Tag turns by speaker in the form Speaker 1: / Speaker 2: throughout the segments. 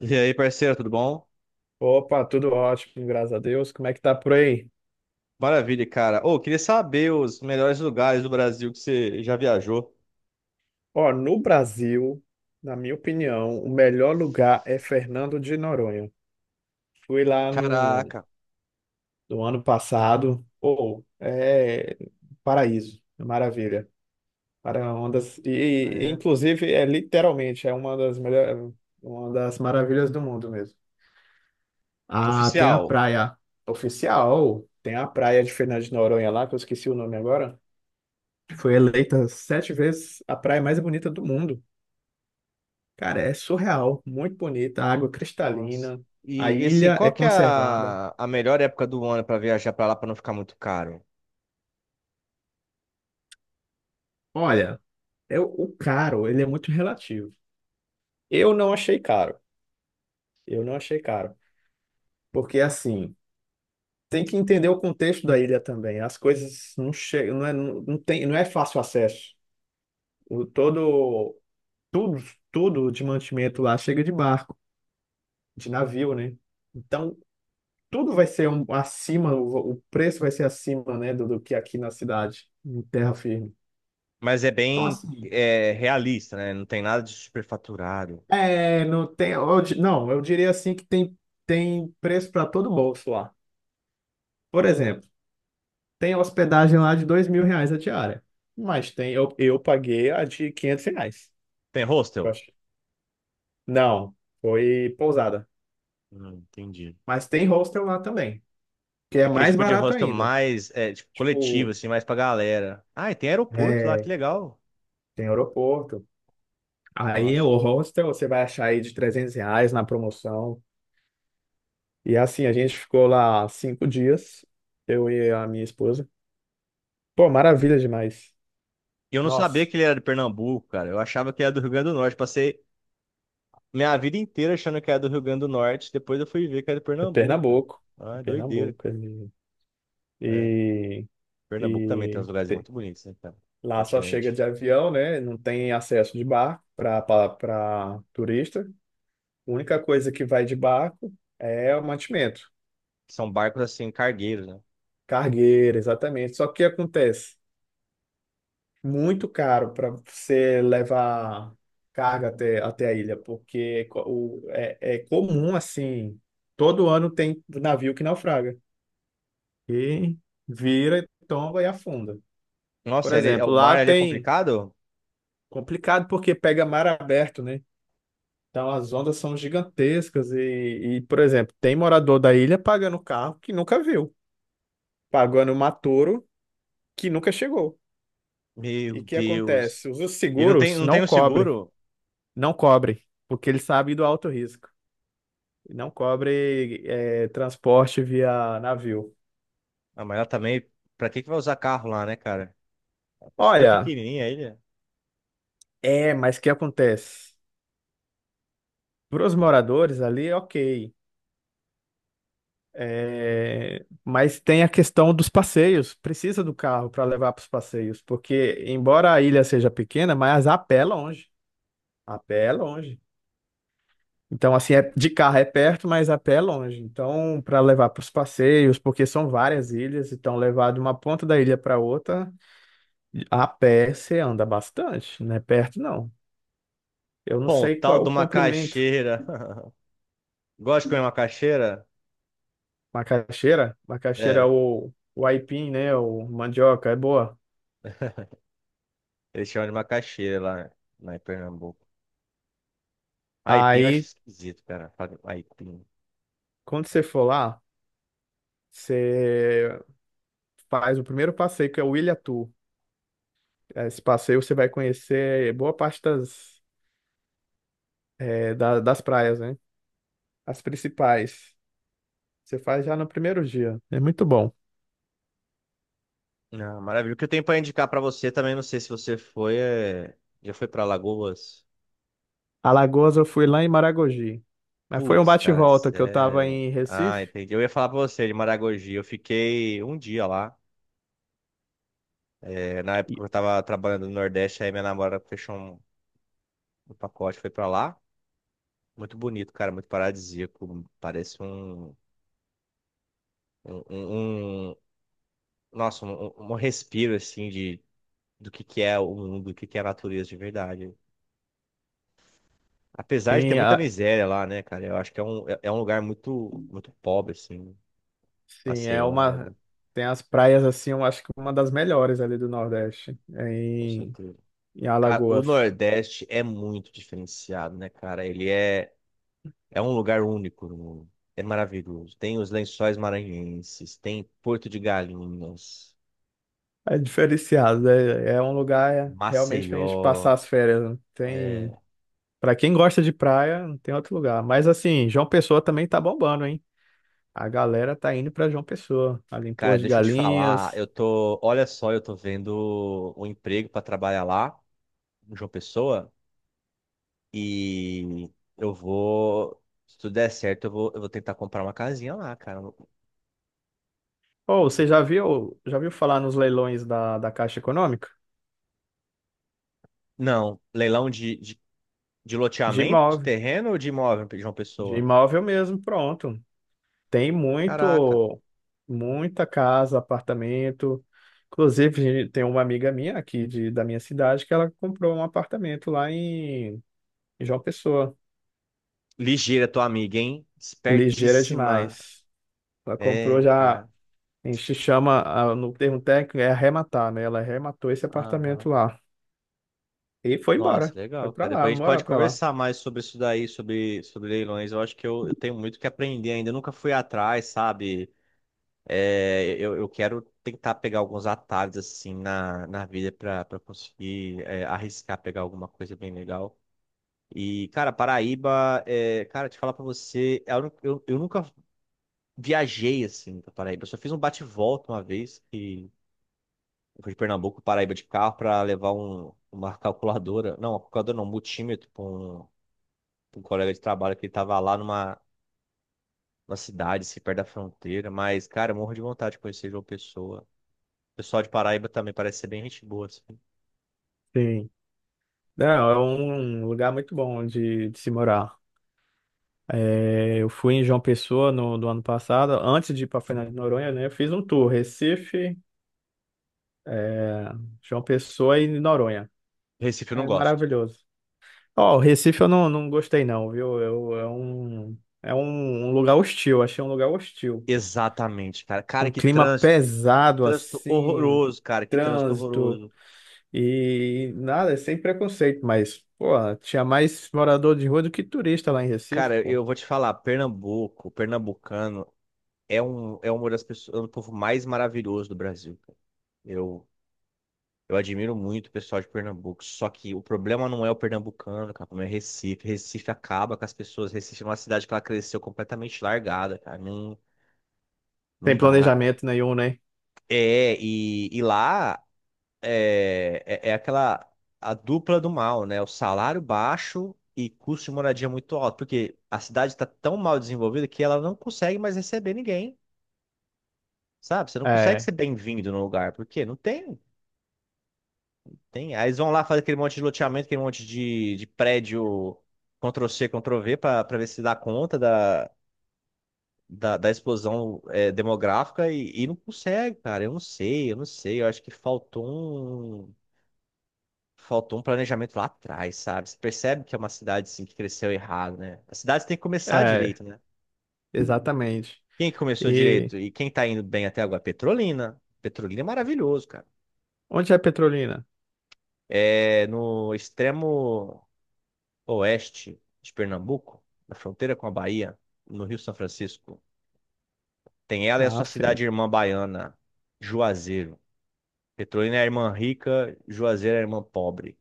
Speaker 1: E aí, parceiro, tudo bom?
Speaker 2: Opa, tudo ótimo, graças a Deus. Como é que tá por aí?
Speaker 1: Maravilha, cara. Ô, queria saber os melhores lugares do Brasil que você já viajou.
Speaker 2: Ó, no Brasil, na minha opinião, o melhor lugar é Fernando de Noronha. Fui lá no,
Speaker 1: Caraca,
Speaker 2: no ano passado, ou é paraíso, é maravilha. Para ondas e,
Speaker 1: ah,
Speaker 2: e,
Speaker 1: é?
Speaker 2: inclusive é literalmente uma das melhores, uma das maravilhas do mundo mesmo. Ah, tem a
Speaker 1: Oficial.
Speaker 2: praia oficial, tem a praia de Fernando de Noronha lá, que eu esqueci o nome agora. Foi eleita 7 vezes a praia mais bonita do mundo. Cara, é surreal, muito bonita, a água
Speaker 1: Nossa.
Speaker 2: cristalina, a
Speaker 1: Assim,
Speaker 2: ilha é
Speaker 1: qual que é
Speaker 2: conservada.
Speaker 1: a melhor época do ano pra viajar pra lá pra não ficar muito caro?
Speaker 2: Olha, é o caro, ele é muito relativo. Eu não achei caro, eu não achei caro, porque assim, tem que entender o contexto da ilha também. As coisas não chegam, não é, não tem, não é fácil acesso. O todo, tudo, tudo de mantimento lá chega de barco, de navio, né? Então, tudo vai ser acima, o preço vai ser acima, né, do que aqui na cidade, em terra firme.
Speaker 1: Mas é
Speaker 2: Então,
Speaker 1: bem
Speaker 2: assim,
Speaker 1: realista, né? Não tem nada de superfaturado.
Speaker 2: não tem, não, eu diria assim que tem preço para todo bolso lá. Por exemplo, tem hospedagem lá de R$ 2.000 a diária, mas tem, eu paguei a de R$ 500.
Speaker 1: Tem
Speaker 2: Eu
Speaker 1: hostel.
Speaker 2: acho. Não, foi pousada.
Speaker 1: Não, entendi.
Speaker 2: Mas tem hostel lá também, que é
Speaker 1: Aquele
Speaker 2: mais
Speaker 1: tipo de
Speaker 2: barato
Speaker 1: hostel
Speaker 2: ainda.
Speaker 1: mais tipo, coletivo,
Speaker 2: Tipo,
Speaker 1: assim, mais pra galera. Ah, e tem aeroporto lá, que
Speaker 2: é,
Speaker 1: legal.
Speaker 2: tem aeroporto. Aí
Speaker 1: Nossa.
Speaker 2: o hostel você vai achar aí de R$ 300 na promoção. E assim, a gente ficou lá 5 dias, eu e a minha esposa. Pô, maravilha demais.
Speaker 1: E eu não sabia
Speaker 2: Nossa,
Speaker 1: que ele era de Pernambuco, cara. Eu achava que era do Rio Grande do Norte. Passei minha vida inteira achando que era do Rio Grande do Norte. Depois eu fui ver que era de
Speaker 2: é
Speaker 1: Pernambuco, cara.
Speaker 2: Pernambuco.
Speaker 1: Ah,
Speaker 2: É
Speaker 1: é doideira,
Speaker 2: Pernambuco.
Speaker 1: cara. É.
Speaker 2: E,
Speaker 1: Pernambuco também tem uns
Speaker 2: e
Speaker 1: lugares
Speaker 2: te-
Speaker 1: muito bonitos, né, cara? O
Speaker 2: lá só chega
Speaker 1: continente.
Speaker 2: de avião, né? Não tem acesso de barco para turista. A única coisa que vai de barco é o mantimento,
Speaker 1: São barcos, assim, cargueiros, né?
Speaker 2: cargueira, exatamente. Só que o que acontece? Muito caro para você levar carga até a ilha, porque é comum assim, todo ano tem navio que naufraga e vira, tomba e afunda. Por
Speaker 1: Nossa,
Speaker 2: exemplo,
Speaker 1: o mar
Speaker 2: lá
Speaker 1: ali é
Speaker 2: tem
Speaker 1: complicado?
Speaker 2: complicado porque pega mar aberto, né? Então as ondas são gigantescas e, por exemplo, tem morador da ilha pagando carro que nunca viu, pagando matouro que nunca chegou. E
Speaker 1: Meu
Speaker 2: o que
Speaker 1: Deus.
Speaker 2: acontece? Os
Speaker 1: E não tem,
Speaker 2: seguros
Speaker 1: não
Speaker 2: não
Speaker 1: tem o
Speaker 2: cobrem.
Speaker 1: seguro?
Speaker 2: Não cobre, porque ele sabe do alto risco. Não cobre transporte via navio.
Speaker 1: Ah, mas ela também... Pra que que vai usar carro lá, né, cara? É super
Speaker 2: Olha,
Speaker 1: pequenininha a ilha.
Speaker 2: mas o que acontece? Para os moradores ali, ok. É, mas tem a questão dos passeios. Precisa do carro para levar para os passeios, porque embora a ilha seja pequena, mas a pé é longe. A pé é longe. Então, assim, de carro é perto, mas a pé é longe. Então, para levar para os passeios, porque são várias ilhas, então levar de uma ponta da ilha para outra. A pé você anda bastante, não é perto não. Eu não sei qual
Speaker 1: Pontal
Speaker 2: é o
Speaker 1: do
Speaker 2: comprimento.
Speaker 1: Macaxeira. Gosta de comer macaxeira?
Speaker 2: Macaxeira? Macaxeira é
Speaker 1: É.
Speaker 2: o aipim, né? O mandioca, é boa.
Speaker 1: Eles chamam de macaxeira lá, lá em Pernambuco. Aipim eu acho
Speaker 2: Aí,
Speaker 1: esquisito, cara. Fala Aipim.
Speaker 2: quando você for lá, você faz o primeiro passeio, que é o Ilhatu. Esse passeio você vai conhecer boa parte das das praias, né? As principais. Você faz já no primeiro dia. É muito bom.
Speaker 1: Não, maravilha. O que eu tenho pra indicar pra você também, não sei se você foi, é... já foi pra Lagoas?
Speaker 2: Alagoas eu fui lá em Maragogi. Mas foi um
Speaker 1: Putz, cara,
Speaker 2: bate-volta que eu tava
Speaker 1: sério.
Speaker 2: em
Speaker 1: Ah,
Speaker 2: Recife.
Speaker 1: entendi. Eu ia falar pra você de Maragogi. Eu fiquei um dia lá. É, na
Speaker 2: E.
Speaker 1: época eu tava trabalhando no Nordeste, aí minha namorada fechou um pacote, foi pra lá. Muito bonito, cara, muito paradisíaco. Parece um, um, um- nossa, um respiro assim de do que é o mundo, do que é a natureza de verdade. Apesar de ter
Speaker 2: Tem.
Speaker 1: muita miséria lá, né, cara? Eu acho que é um, é é um lugar muito, muito pobre, assim,
Speaker 2: Sim, é
Speaker 1: Maceió,
Speaker 2: uma.
Speaker 1: Alagoas,
Speaker 2: Tem as praias assim, eu acho que uma das melhores ali do Nordeste,
Speaker 1: com
Speaker 2: em,
Speaker 1: certeza.
Speaker 2: em
Speaker 1: Cara, o
Speaker 2: Alagoas.
Speaker 1: Nordeste é muito diferenciado, né, cara? Ele é, é um lugar único no mundo. É maravilhoso. Tem os Lençóis Maranhenses, tem Porto de Galinhas,
Speaker 2: É diferenciado, é um lugar realmente pra gente passar
Speaker 1: Maceió.
Speaker 2: as férias. Não tem.
Speaker 1: É.
Speaker 2: Pra quem gosta de praia, não tem outro lugar. Mas assim, João Pessoa também tá bombando, hein? A galera tá indo pra João Pessoa, ali em
Speaker 1: Cara,
Speaker 2: Porto de
Speaker 1: deixa eu te falar,
Speaker 2: Galinhas.
Speaker 1: eu tô, olha só, eu tô vendo um emprego para trabalhar lá, em João Pessoa. E eu vou, se tudo der certo, eu vou tentar comprar uma casinha lá, cara.
Speaker 2: Ou você
Speaker 1: Porque-
Speaker 2: já viu falar nos leilões da Caixa Econômica?
Speaker 1: não, leilão de
Speaker 2: De
Speaker 1: loteamento, de
Speaker 2: imóvel.
Speaker 1: terreno ou de imóvel de uma
Speaker 2: De
Speaker 1: pessoa?
Speaker 2: imóvel mesmo, pronto. Tem
Speaker 1: Caraca.
Speaker 2: muita casa, apartamento. Inclusive, tem uma amiga minha aqui da minha cidade que ela comprou um apartamento lá em João Pessoa.
Speaker 1: Ligeira tua amiga, hein?
Speaker 2: É ligeira
Speaker 1: Espertíssima.
Speaker 2: demais. Ela comprou
Speaker 1: É,
Speaker 2: já,
Speaker 1: cara.
Speaker 2: a gente chama, no termo técnico, é arrematar, né? Ela arrematou esse
Speaker 1: Aham.
Speaker 2: apartamento lá. E foi
Speaker 1: Nossa,
Speaker 2: embora. Foi
Speaker 1: legal,
Speaker 2: pra
Speaker 1: cara.
Speaker 2: lá,
Speaker 1: Depois a gente
Speaker 2: morar
Speaker 1: pode
Speaker 2: pra lá.
Speaker 1: conversar mais sobre isso daí, sobre, sobre leilões. Eu acho que eu tenho muito o que aprender ainda. Eu nunca fui atrás, sabe? É, eu quero tentar pegar alguns atalhos assim na, na vida para conseguir é, arriscar pegar alguma coisa bem legal. E, cara, Paraíba, é, cara, te falar pra você, é a única- nunca viajei assim pra Paraíba. Eu só fiz um bate-volta uma vez que eu fui de Pernambuco, Paraíba de carro pra levar uma calculadora não, um multímetro pra um colega de trabalho que ele tava lá numa, numa cidade, assim, perto da fronteira. Mas, cara, eu morro de vontade de conhecer João Pessoa. O pessoal de Paraíba também parece ser bem gente boa. Assim.
Speaker 2: Sim. Não, é um lugar muito bom de se morar. É, eu fui em João Pessoa no, do ano passado, antes de ir para Fernando de Noronha, né? Eu fiz um tour, Recife, é, João Pessoa e Noronha.
Speaker 1: Recife eu não
Speaker 2: É
Speaker 1: gosto.
Speaker 2: maravilhoso. Ó, o Recife eu não gostei não, viu? Eu, é um, um lugar hostil, achei um lugar hostil.
Speaker 1: Exatamente, cara. Cara,
Speaker 2: Um
Speaker 1: que
Speaker 2: clima
Speaker 1: trânsito. Que
Speaker 2: pesado
Speaker 1: trânsito
Speaker 2: assim, um
Speaker 1: horroroso, cara. Que trânsito
Speaker 2: trânsito
Speaker 1: horroroso.
Speaker 2: e nada, sem preconceito, mas, pô, tinha mais morador de rua do que turista lá em Recife,
Speaker 1: Cara,
Speaker 2: pô.
Speaker 1: eu vou te falar, Pernambuco, pernambucano é um é uma das pessoas, é um povo mais maravilhoso do Brasil, cara. Eu eu admiro muito o pessoal de Pernambuco, só que o problema não é o pernambucano, cara, o problema é Recife. Recife acaba com as pessoas. Recife é uma cidade que ela cresceu completamente largada, cara. Não não
Speaker 2: Sem
Speaker 1: dá, cara.
Speaker 2: planejamento nenhum, né?
Speaker 1: É, e lá é, é, é aquela a dupla do mal, né? O salário baixo e custo de moradia muito alto, porque a cidade está tão mal desenvolvida que ela não consegue mais receber ninguém, sabe? Você não consegue
Speaker 2: É.
Speaker 1: ser bem-vindo no lugar, porque não tem, tem. Aí eles vão lá fazer aquele monte de loteamento, aquele monte de prédio Ctrl-C, Ctrl-V para ver se dá conta da. Da explosão é, demográfica e não consegue, cara. Eu não sei, eu não sei. Eu acho que faltou um planejamento lá atrás, sabe? Você percebe que é uma cidade assim, que cresceu errado, né? As cidades têm que começar
Speaker 2: É,
Speaker 1: direito, né?
Speaker 2: exatamente.
Speaker 1: Quem que começou
Speaker 2: E
Speaker 1: direito e quem tá indo bem até agora? Petrolina. Petrolina é maravilhoso, cara.
Speaker 2: onde é Petrolina?
Speaker 1: É no extremo oeste de Pernambuco, na fronteira com a Bahia, no Rio São Francisco. Tem ela e a
Speaker 2: Ah,
Speaker 1: sua
Speaker 2: sim.
Speaker 1: cidade irmã baiana, Juazeiro. Petrolina é a irmã rica, Juazeiro é a irmã pobre.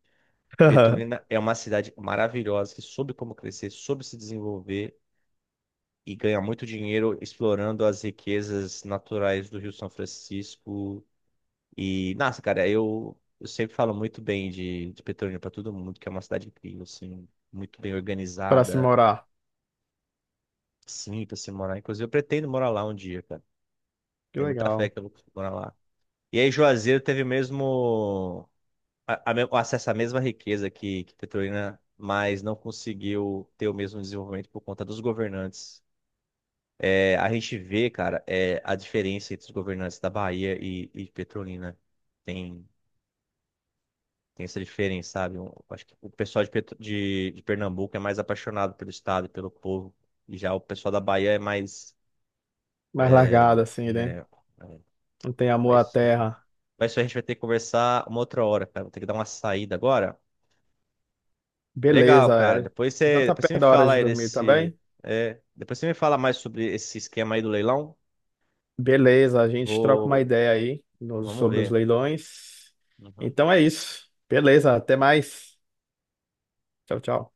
Speaker 1: Petrolina é uma cidade maravilhosa que soube como crescer, soube se desenvolver e ganha muito dinheiro explorando as riquezas naturais do Rio São Francisco. E, nossa, cara, eu sempre falo muito bem de Petrolina para todo mundo, que é uma cidade incrível, assim, muito bem
Speaker 2: Para se
Speaker 1: organizada,
Speaker 2: morar.
Speaker 1: simples se morar. Inclusive, eu pretendo morar lá um dia, cara.
Speaker 2: Que
Speaker 1: Tenho muita fé
Speaker 2: legal.
Speaker 1: que eu vou conseguir morar lá. E aí, Juazeiro teve mesmo o acesso à mesma riqueza que Petrolina, mas não conseguiu ter o mesmo desenvolvimento por conta dos governantes. É, a gente vê, cara, é, a diferença entre os governantes da Bahia e Petrolina. Tem, tem essa diferença, sabe? Um- acho que o pessoal de Pernambuco é mais apaixonado pelo Estado e pelo povo. E já o pessoal da Bahia é mais.
Speaker 2: Mais largada, assim, né?
Speaker 1: É,
Speaker 2: Não tem amor à
Speaker 1: mas,
Speaker 2: terra.
Speaker 1: mas isso a gente vai ter que conversar uma outra hora, cara. Vou ter que dar uma saída agora. Mas legal,
Speaker 2: Beleza.
Speaker 1: cara.
Speaker 2: É. Já tá
Speaker 1: Depois você me
Speaker 2: perto da hora
Speaker 1: fala
Speaker 2: de
Speaker 1: aí
Speaker 2: dormir
Speaker 1: desse.
Speaker 2: também?
Speaker 1: É, depois você me fala mais sobre esse esquema aí do leilão.
Speaker 2: Beleza. A gente troca uma
Speaker 1: Vou.
Speaker 2: ideia aí
Speaker 1: Vamos
Speaker 2: sobre os
Speaker 1: ver.
Speaker 2: leilões.
Speaker 1: Uhum.
Speaker 2: Então é isso. Beleza. Até mais. Tchau, tchau.